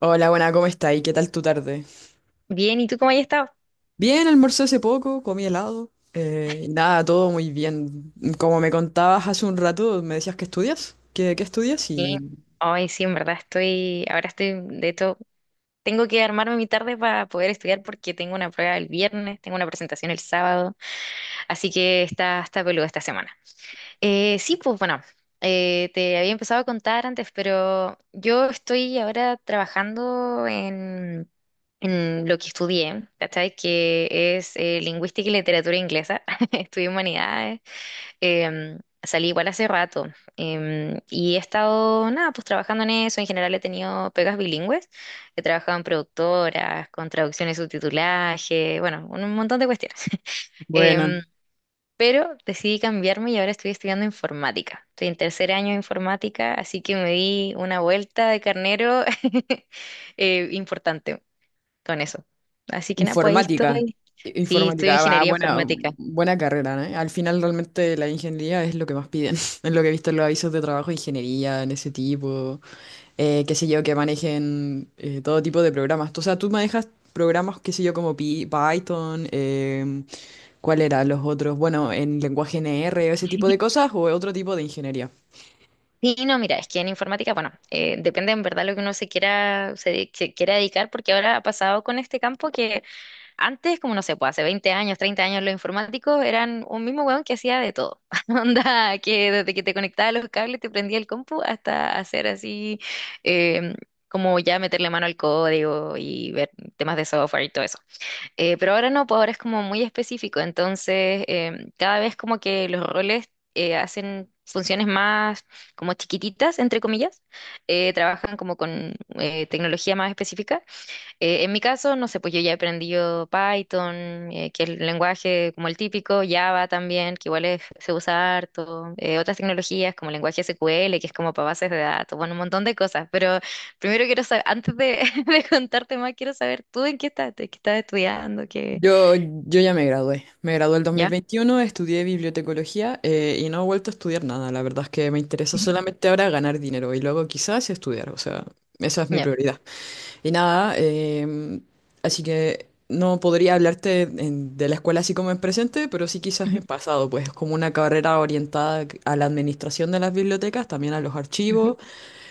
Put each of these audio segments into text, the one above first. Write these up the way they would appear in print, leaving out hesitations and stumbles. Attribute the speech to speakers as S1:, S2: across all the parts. S1: Hola, buena, ¿cómo está? ¿Y qué tal tu tarde?
S2: Bien, ¿y tú cómo has estado?
S1: Bien, almorcé hace poco, comí helado. Nada, todo muy bien. Como me contabas hace un rato, me decías que estudias. ¿Qué estudias?
S2: Bien.
S1: Y...
S2: Ay, sí, en verdad estoy, de hecho, tengo que armarme mi tarde para poder estudiar porque tengo una prueba el viernes, tengo una presentación el sábado, así que está peluda esta semana. Sí, pues bueno, te había empezado a contar antes, pero yo estoy ahora en lo que estudié, ¿cachai? Que es lingüística y literatura inglesa. Estudié humanidades. Salí igual hace rato, y he estado, nada, pues trabajando en eso. En general he tenido pegas bilingües. He trabajado en productoras, con traducciones, subtitulaje, bueno, un montón de cuestiones.
S1: Buena.
S2: Em, pero decidí cambiarme y ahora estoy estudiando informática. Estoy en tercer año de informática, así que me di una vuelta de carnero, importante con eso. Así que nada, pues ahí
S1: Informática.
S2: estoy.
S1: I-
S2: Sí, estudio
S1: Informática, ah,
S2: ingeniería
S1: buena,
S2: informática.
S1: buena carrera, ¿no? Al final realmente la ingeniería es lo que más piden. Es lo que he visto en los avisos de trabajo, ingeniería, en ese tipo. Qué sé yo, que manejen todo tipo de programas. O sea, tú manejas programas, qué sé yo, como Python, ¿cuál era? Los otros, bueno, en lenguaje NR, ese tipo de cosas, o otro tipo de ingeniería.
S2: Sí, no, mira, es que en informática, bueno, depende en verdad lo que uno se quiera dedicar, porque ahora ha pasado con este campo que antes, como no sé, pues hace 20 años, 30 años, los informáticos eran un mismo weón que hacía de todo. Onda, que desde que te conectaba los cables, te prendía el compu, hasta hacer así, eh, como ya meterle mano al código y ver temas de software y todo eso. Pero ahora no, pues ahora es como muy específico, entonces cada vez como que los roles hacen funciones más como chiquititas, entre comillas, trabajan como con tecnología más específica. En mi caso, no sé, pues yo ya he aprendido Python, que es el lenguaje como el típico, Java también, que se usa harto. Otras tecnologías como el lenguaje SQL, que es como para bases de datos, bueno, un montón de cosas, pero primero quiero saber, antes de, de contarte más, quiero saber tú en qué estás estudiando, qué...
S1: Yo ya me gradué. Me gradué el
S2: ¿Ya?
S1: 2021, estudié bibliotecología y no he vuelto a estudiar nada. La verdad es que me interesa
S2: Ujú.
S1: solamente ahora ganar dinero y luego quizás estudiar. O sea, esa es mi
S2: Ya.
S1: prioridad. Y nada, así que no podría hablarte de la escuela así como en presente, pero sí quizás
S2: Ujú,
S1: en pasado, pues es como una carrera orientada a la administración de las bibliotecas, también a los
S2: ujú,
S1: archivos,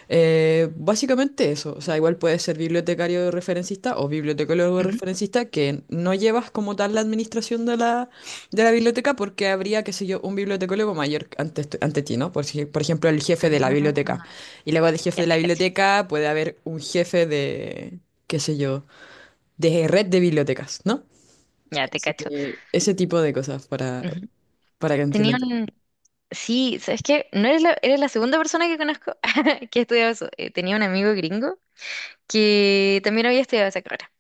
S1: básicamente eso. O sea, igual puedes ser bibliotecario referencista o bibliotecólogo
S2: ujú.
S1: referencista que no llevas como tal la administración de la biblioteca, porque habría, qué sé yo, un bibliotecólogo mayor ante, ante ti, ¿no? Por, si- por ejemplo, el
S2: Ah,
S1: jefe de la biblioteca. Y luego del jefe
S2: ya
S1: de la
S2: te cacho,
S1: biblioteca puede haber un jefe de, qué sé yo, de red de bibliotecas, ¿no?
S2: ya te
S1: Así
S2: cacho.
S1: que ese tipo de cosas
S2: Ujú.
S1: para que
S2: Tenía
S1: entiendan.
S2: un... Sí, ¿sabes qué? No eres la, Eres la segunda persona que conozco que estudia eso. Tenía un amigo gringo que también había estudiado esa carrera.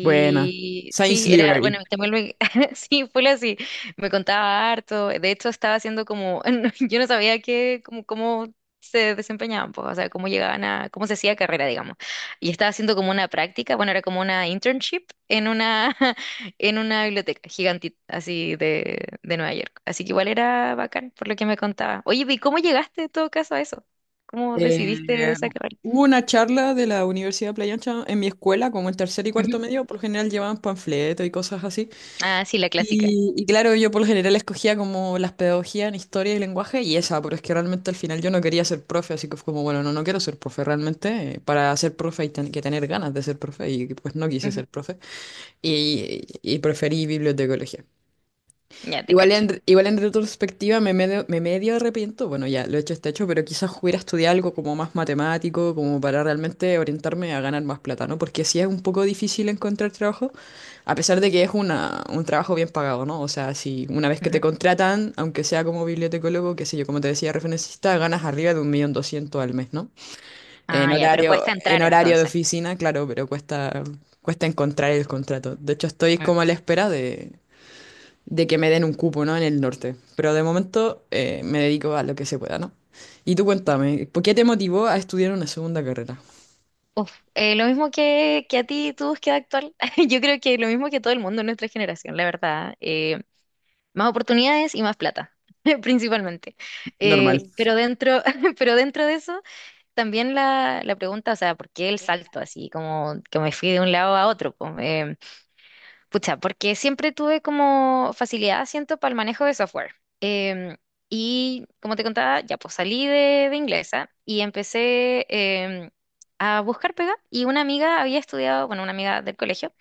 S1: Buena. Science
S2: sí, era, bueno,
S1: Library.
S2: también me, sí, fue así, me contaba harto. De hecho estaba haciendo como, yo no sabía cómo se desempeñaban, pues, o sea, cómo llegaban a, cómo se hacía carrera, digamos. Y estaba haciendo como una práctica, bueno, era como una internship en una, en una biblioteca gigantita, así de Nueva York. Así que igual era bacán, por lo que me contaba. Oye, ¿y cómo llegaste en todo caso a eso? ¿Cómo decidiste
S1: Eh,
S2: esa carrera?
S1: hubo una charla de la Universidad de Playa Ancha en mi escuela, como en tercer y
S2: Ujú.
S1: cuarto medio. Por lo general llevaban panfletos y cosas así.
S2: Ah, sí, la clásica.
S1: Y claro, yo por lo general escogía como las pedagogías en historia y lenguaje y esa, pero es que realmente al final yo no quería ser profe, así que fue como, bueno, no, no quiero ser profe realmente. Para ser profe hay que tener ganas de ser profe, y pues no quise
S2: Ujú.
S1: ser profe y preferí bibliotecología.
S2: Ya te
S1: Igual
S2: cacho.
S1: en, igual en retrospectiva me medio arrepiento. Bueno, ya lo hecho está hecho, pero quizás hubiera estudiado algo como más matemático, como para realmente orientarme a ganar más plata, ¿no? Porque sí es un poco difícil encontrar trabajo, a pesar de que es un trabajo bien pagado, ¿no? O sea, si una vez que
S2: Ujú.
S1: te contratan, aunque sea como bibliotecólogo, qué sé yo, como te decía, referencista, ganas arriba de 1.200.000 al mes, ¿no? En
S2: Ah, ya, pero
S1: horario,
S2: cuesta
S1: en
S2: entrar
S1: horario de
S2: entonces.
S1: oficina, claro, pero cuesta encontrar el contrato. De hecho, estoy
S2: Mm.
S1: como a la espera de que me den un cupo, ¿no? En el norte. Pero de momento me dedico a lo que se pueda, ¿no? Y tú cuéntame, ¿por qué te motivó a estudiar una segunda carrera?
S2: Uf, lo mismo que a ti tu búsqueda actual. Yo creo que lo mismo que todo el mundo en nuestra generación, la verdad. Más oportunidades y más plata, principalmente.
S1: Normal.
S2: Pero pero dentro de eso, también la pregunta, o sea, ¿por qué el salto así? Como que me fui de un lado a otro, po. Pucha, porque siempre tuve como facilidad, siento, para el manejo de software. Em, y como te contaba, ya pues de inglesa y empecé, a buscar pega. Y una amiga había estudiado, bueno, una amiga del colegio,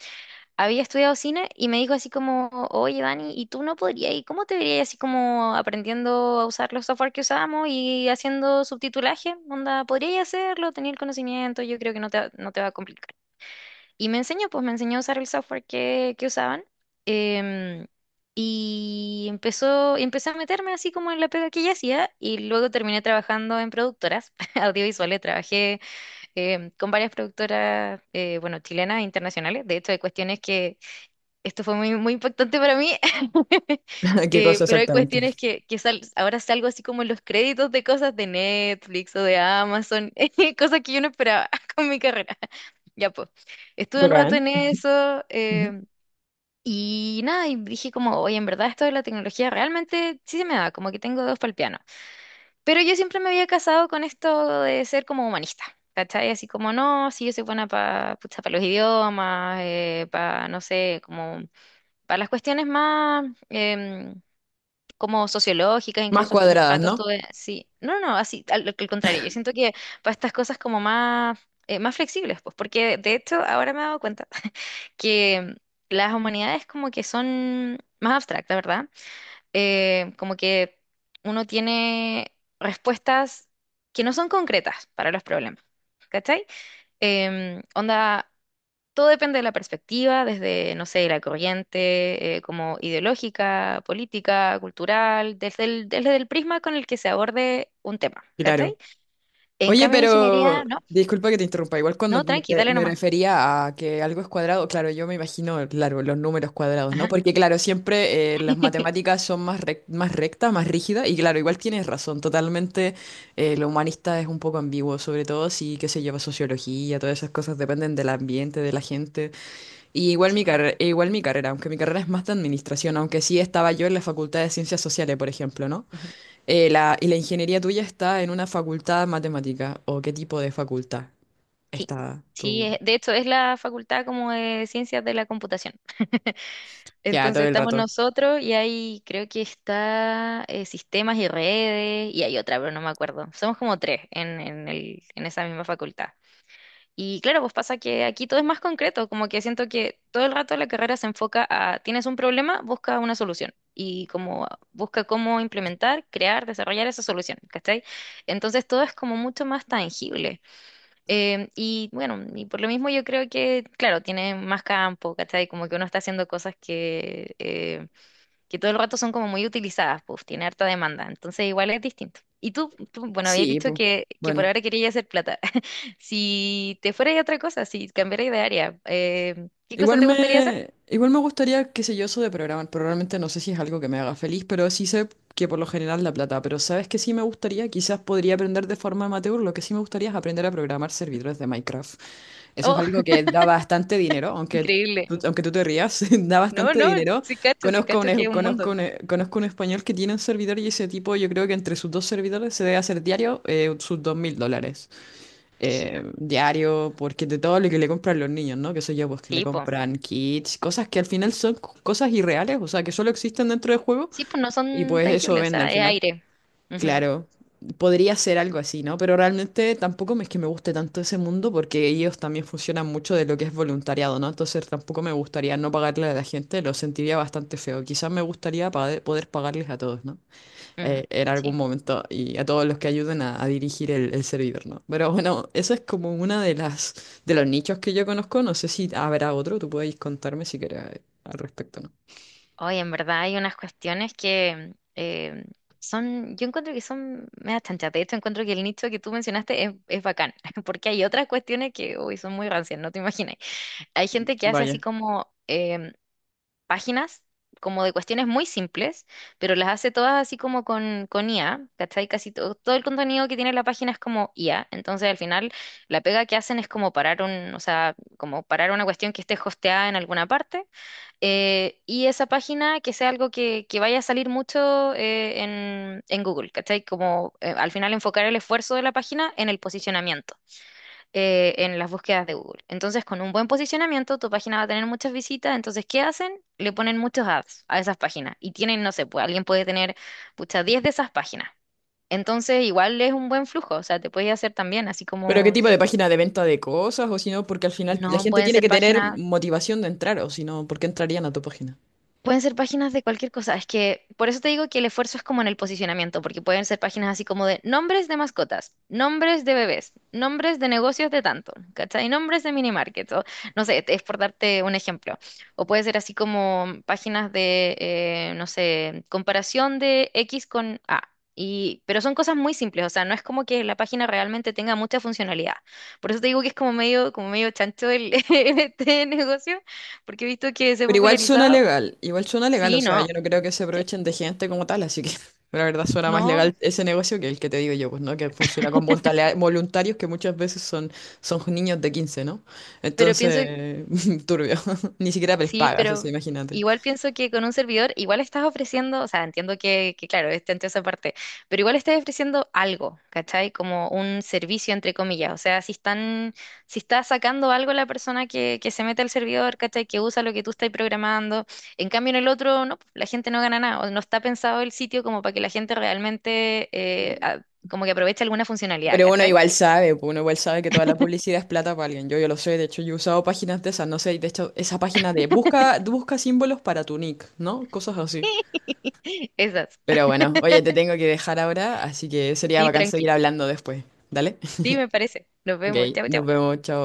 S2: había estudiado cine y me dijo así como, oye Dani, ¿y tú no podrías? ¿Y cómo te verías así como aprendiendo a usar los software que usamos y haciendo subtitulaje? Onda, ¿podrías hacerlo? Tenía el conocimiento, yo creo que no te va a complicar. Y me enseñó, pues me enseñó a usar el software que usaban. em, y empecé a meterme así como en la pega que ella hacía. Y luego terminé trabajando en productoras audiovisuales. Trabajé, con varias productoras, bueno, chilenas e internacionales. De hecho, hay cuestiones que, esto fue muy impactante para mí.
S1: ¿Qué cosa sí,
S2: Pero hay
S1: exactamente?
S2: cuestiones ahora salgo así como en los créditos de cosas de Netflix o de Amazon, cosas que yo no esperaba con mi carrera. Ya pues, estuve un rato
S1: Bacán.
S2: en eso,
S1: Ujú.
S2: y nada, y dije como, oye, en verdad esto de la tecnología realmente sí se me da, como que tengo dos para el piano. Pero yo siempre me había casado con esto de ser como humanista, ¿cachai? Así como, no, sí, yo soy buena para los idiomas, para, no sé, como para las cuestiones más, como sociológicas.
S1: Más
S2: Incluso estuve un
S1: cuadradas,
S2: rato
S1: ¿no?
S2: estuve, sí, no, no, así, al contrario, yo siento que para estas cosas como más, más flexibles, pues, porque de hecho ahora me he dado cuenta que las humanidades como que son más abstractas, ¿verdad? Como que uno tiene respuestas que no son concretas para los problemas, ¿cachai? Onda todo depende de la perspectiva, desde, no sé, la corriente como ideológica, política, cultural, desde desde el prisma con el que se aborde un tema, ¿cachai?
S1: Claro.
S2: En
S1: Oye,
S2: cambio, en ingeniería,
S1: pero
S2: no,
S1: disculpa que te interrumpa. Igual cuando
S2: no,
S1: me,
S2: tranqui, dale
S1: me
S2: nomás.
S1: refería a que algo es cuadrado, claro, yo me imagino, claro, los números cuadrados, ¿no?
S2: Ajá.
S1: Porque claro, siempre las matemáticas son más rectas, más rígidas, y claro, igual tienes razón, totalmente. Lo humanista es un poco ambiguo, sobre todo si, qué se lleva sociología, todas esas cosas dependen del ambiente, de la gente. Y
S2: Sí.
S1: igual mi carrera, aunque mi carrera es más de administración, aunque sí estaba yo en la Facultad de Ciencias Sociales, por ejemplo, ¿no?
S2: Ujú.
S1: ¿Y la ingeniería tuya está en una facultad de matemática? ¿O qué tipo de facultad
S2: Sí,
S1: está tú?
S2: de hecho es la facultad como de ciencias de la computación.
S1: Ya,
S2: Entonces
S1: todo el
S2: estamos
S1: rato.
S2: nosotros y ahí creo que está, sistemas y redes y hay otra, pero no me acuerdo. Somos como tres en esa misma facultad. Y claro, pues pasa que aquí todo es más concreto, como que siento que todo el rato la carrera se enfoca a, tienes un problema, busca una solución y como busca cómo implementar, crear, desarrollar esa solución, ¿cachai? Entonces todo es como mucho más tangible. Y bueno, y por lo mismo yo creo que, claro, tiene más campo, ¿cachai? Como que uno está haciendo cosas que todo el rato son como muy utilizadas, pues tiene harta demanda, entonces igual es distinto. Y tú, bueno, habías
S1: Sí,
S2: dicho
S1: pues.
S2: que por
S1: Bueno.
S2: ahora querías hacer plata. Si te fueras a otra cosa, si cambiaras de área, ¿qué cosa
S1: Igual
S2: te gustaría hacer?
S1: me, igual me gustaría, qué sé yo, eso de programar, pero realmente no sé si es algo que me haga feliz, pero sí sé que por lo general la plata. Pero ¿sabes qué sí me gustaría? Quizás podría aprender de forma amateur. Lo que sí me gustaría es aprender a programar servidores de Minecraft. Eso es
S2: Oh,
S1: algo que da bastante dinero,
S2: increíble.
S1: aunque tú te rías, da
S2: No,
S1: bastante
S2: no,
S1: dinero.
S2: sí
S1: Conozco
S2: cacho
S1: un,
S2: que
S1: es-
S2: es un
S1: conozco
S2: mundo.
S1: un, eh, conozco un español que tiene un servidor, y ese tipo, yo creo que entre sus dos servidores se debe hacer diario sus $2.000.
S2: Rígido.
S1: Diario, porque de todo lo que le compran los niños, ¿no? Que sé yo, pues que le
S2: Sí, pues.
S1: compran kits, cosas que al final son cosas irreales, o sea, que solo existen dentro del juego,
S2: Sí, pues no
S1: y
S2: son
S1: pues eso
S2: tangibles, o
S1: vende al
S2: sea, es
S1: final.
S2: aire. Ujú,
S1: Claro, podría ser algo así, ¿no? Pero realmente tampoco es que me guste tanto ese mundo, porque ellos también funcionan mucho de lo que es voluntariado, ¿no? Entonces tampoco me gustaría no pagarle a la gente, lo sentiría bastante feo. Quizás me gustaría poder pagarles a todos, ¿no?
S2: ujú.
S1: En
S2: Sí.
S1: algún momento, y a todos los que ayuden a dirigir el servidor, ¿no? Pero bueno, eso es como una de las de los nichos que yo conozco. No sé si habrá otro, tú podéis contarme si quieres al respecto, ¿no?
S2: Hoy en verdad hay unas cuestiones que, son, yo encuentro que son medio chanchas. De hecho, encuentro que el nicho que tú mencionaste es bacán, porque hay otras cuestiones que hoy son muy rancias, no te imaginas. Hay gente que hace así
S1: Vaya.
S2: como, páginas, como de cuestiones muy simples, pero las hace todas así como con IA, ¿cachai? Casi todo, todo el contenido que tiene la página es como IA. Entonces, al final, la pega que hacen es como parar un, o sea, como parar una cuestión que esté hosteada en alguna parte, y esa página que sea algo que vaya a salir mucho, en Google, ¿cachai? Como al final enfocar el esfuerzo de la página en el posicionamiento, en las búsquedas de Google. Entonces, con un buen posicionamiento, tu página va a tener muchas visitas. Entonces, ¿qué hacen? Le ponen muchos ads a esas páginas. Y tienen, no sé, pues alguien puede tener, pucha, 10 de esas páginas. Entonces, igual es un buen flujo, o sea, te puedes hacer también, así
S1: Pero ¿qué
S2: como,
S1: tipo de página de venta de cosas? O si no, porque al final la
S2: no,
S1: gente
S2: pueden
S1: tiene
S2: ser
S1: que tener
S2: páginas.
S1: motivación de entrar, o si no, ¿por qué entrarían a tu página?
S2: Pueden ser páginas de cualquier cosa. Es que por eso te digo que el esfuerzo es como en el posicionamiento, porque pueden ser páginas así como de nombres de mascotas, nombres de bebés, nombres de negocios de tanto, ¿cachai? Nombres de mini markets, o no sé, es por darte un ejemplo. O puede ser así como páginas de, no sé, comparación de X con A. Y, pero son cosas muy simples, o sea, no es como que la página realmente tenga mucha funcionalidad. Por eso te digo que es como medio chancho este negocio, porque he visto que se ha
S1: Pero igual suena
S2: popularizado.
S1: legal, igual suena legal. O
S2: Sí,
S1: sea, yo
S2: no,
S1: no creo que se
S2: sí,
S1: aprovechen de gente como tal, así que la verdad suena más
S2: no,
S1: legal ese negocio que el que te digo yo, pues, ¿no? Que funciona con voluntarios, que muchas veces son niños de 15, ¿no?
S2: pero pienso,
S1: Entonces, turbio, ni siquiera les
S2: sí,
S1: pagas, o
S2: pero
S1: sea, imagínate.
S2: igual pienso que con un servidor igual estás ofreciendo, o sea, entiendo que claro, está entre esa parte, pero igual estás ofreciendo algo, ¿cachai? Como un servicio, entre comillas, o sea, si están, si está sacando algo la persona que se mete al servidor, ¿cachai? Que usa lo que tú estás programando, en cambio en el otro, no, pues, la gente no gana nada, o no está pensado el sitio como para que la gente realmente, a- como que aproveche alguna funcionalidad,
S1: Pero uno
S2: ¿cachai?
S1: igual sabe, pues, uno igual sabe que toda la publicidad es plata para alguien. Yo lo sé, de hecho yo he usado páginas de esas, no sé, y de hecho esa página de busca símbolos para tu nick, ¿no? Cosas así.
S2: Esas,
S1: Pero bueno, oye, te tengo que dejar ahora, así que sería
S2: sí,
S1: bacán seguir
S2: tranqui.
S1: hablando después. ¿Dale?
S2: Sí, me parece. Nos
S1: Ok,
S2: vemos. Chao,
S1: nos
S2: chao.
S1: vemos, chao.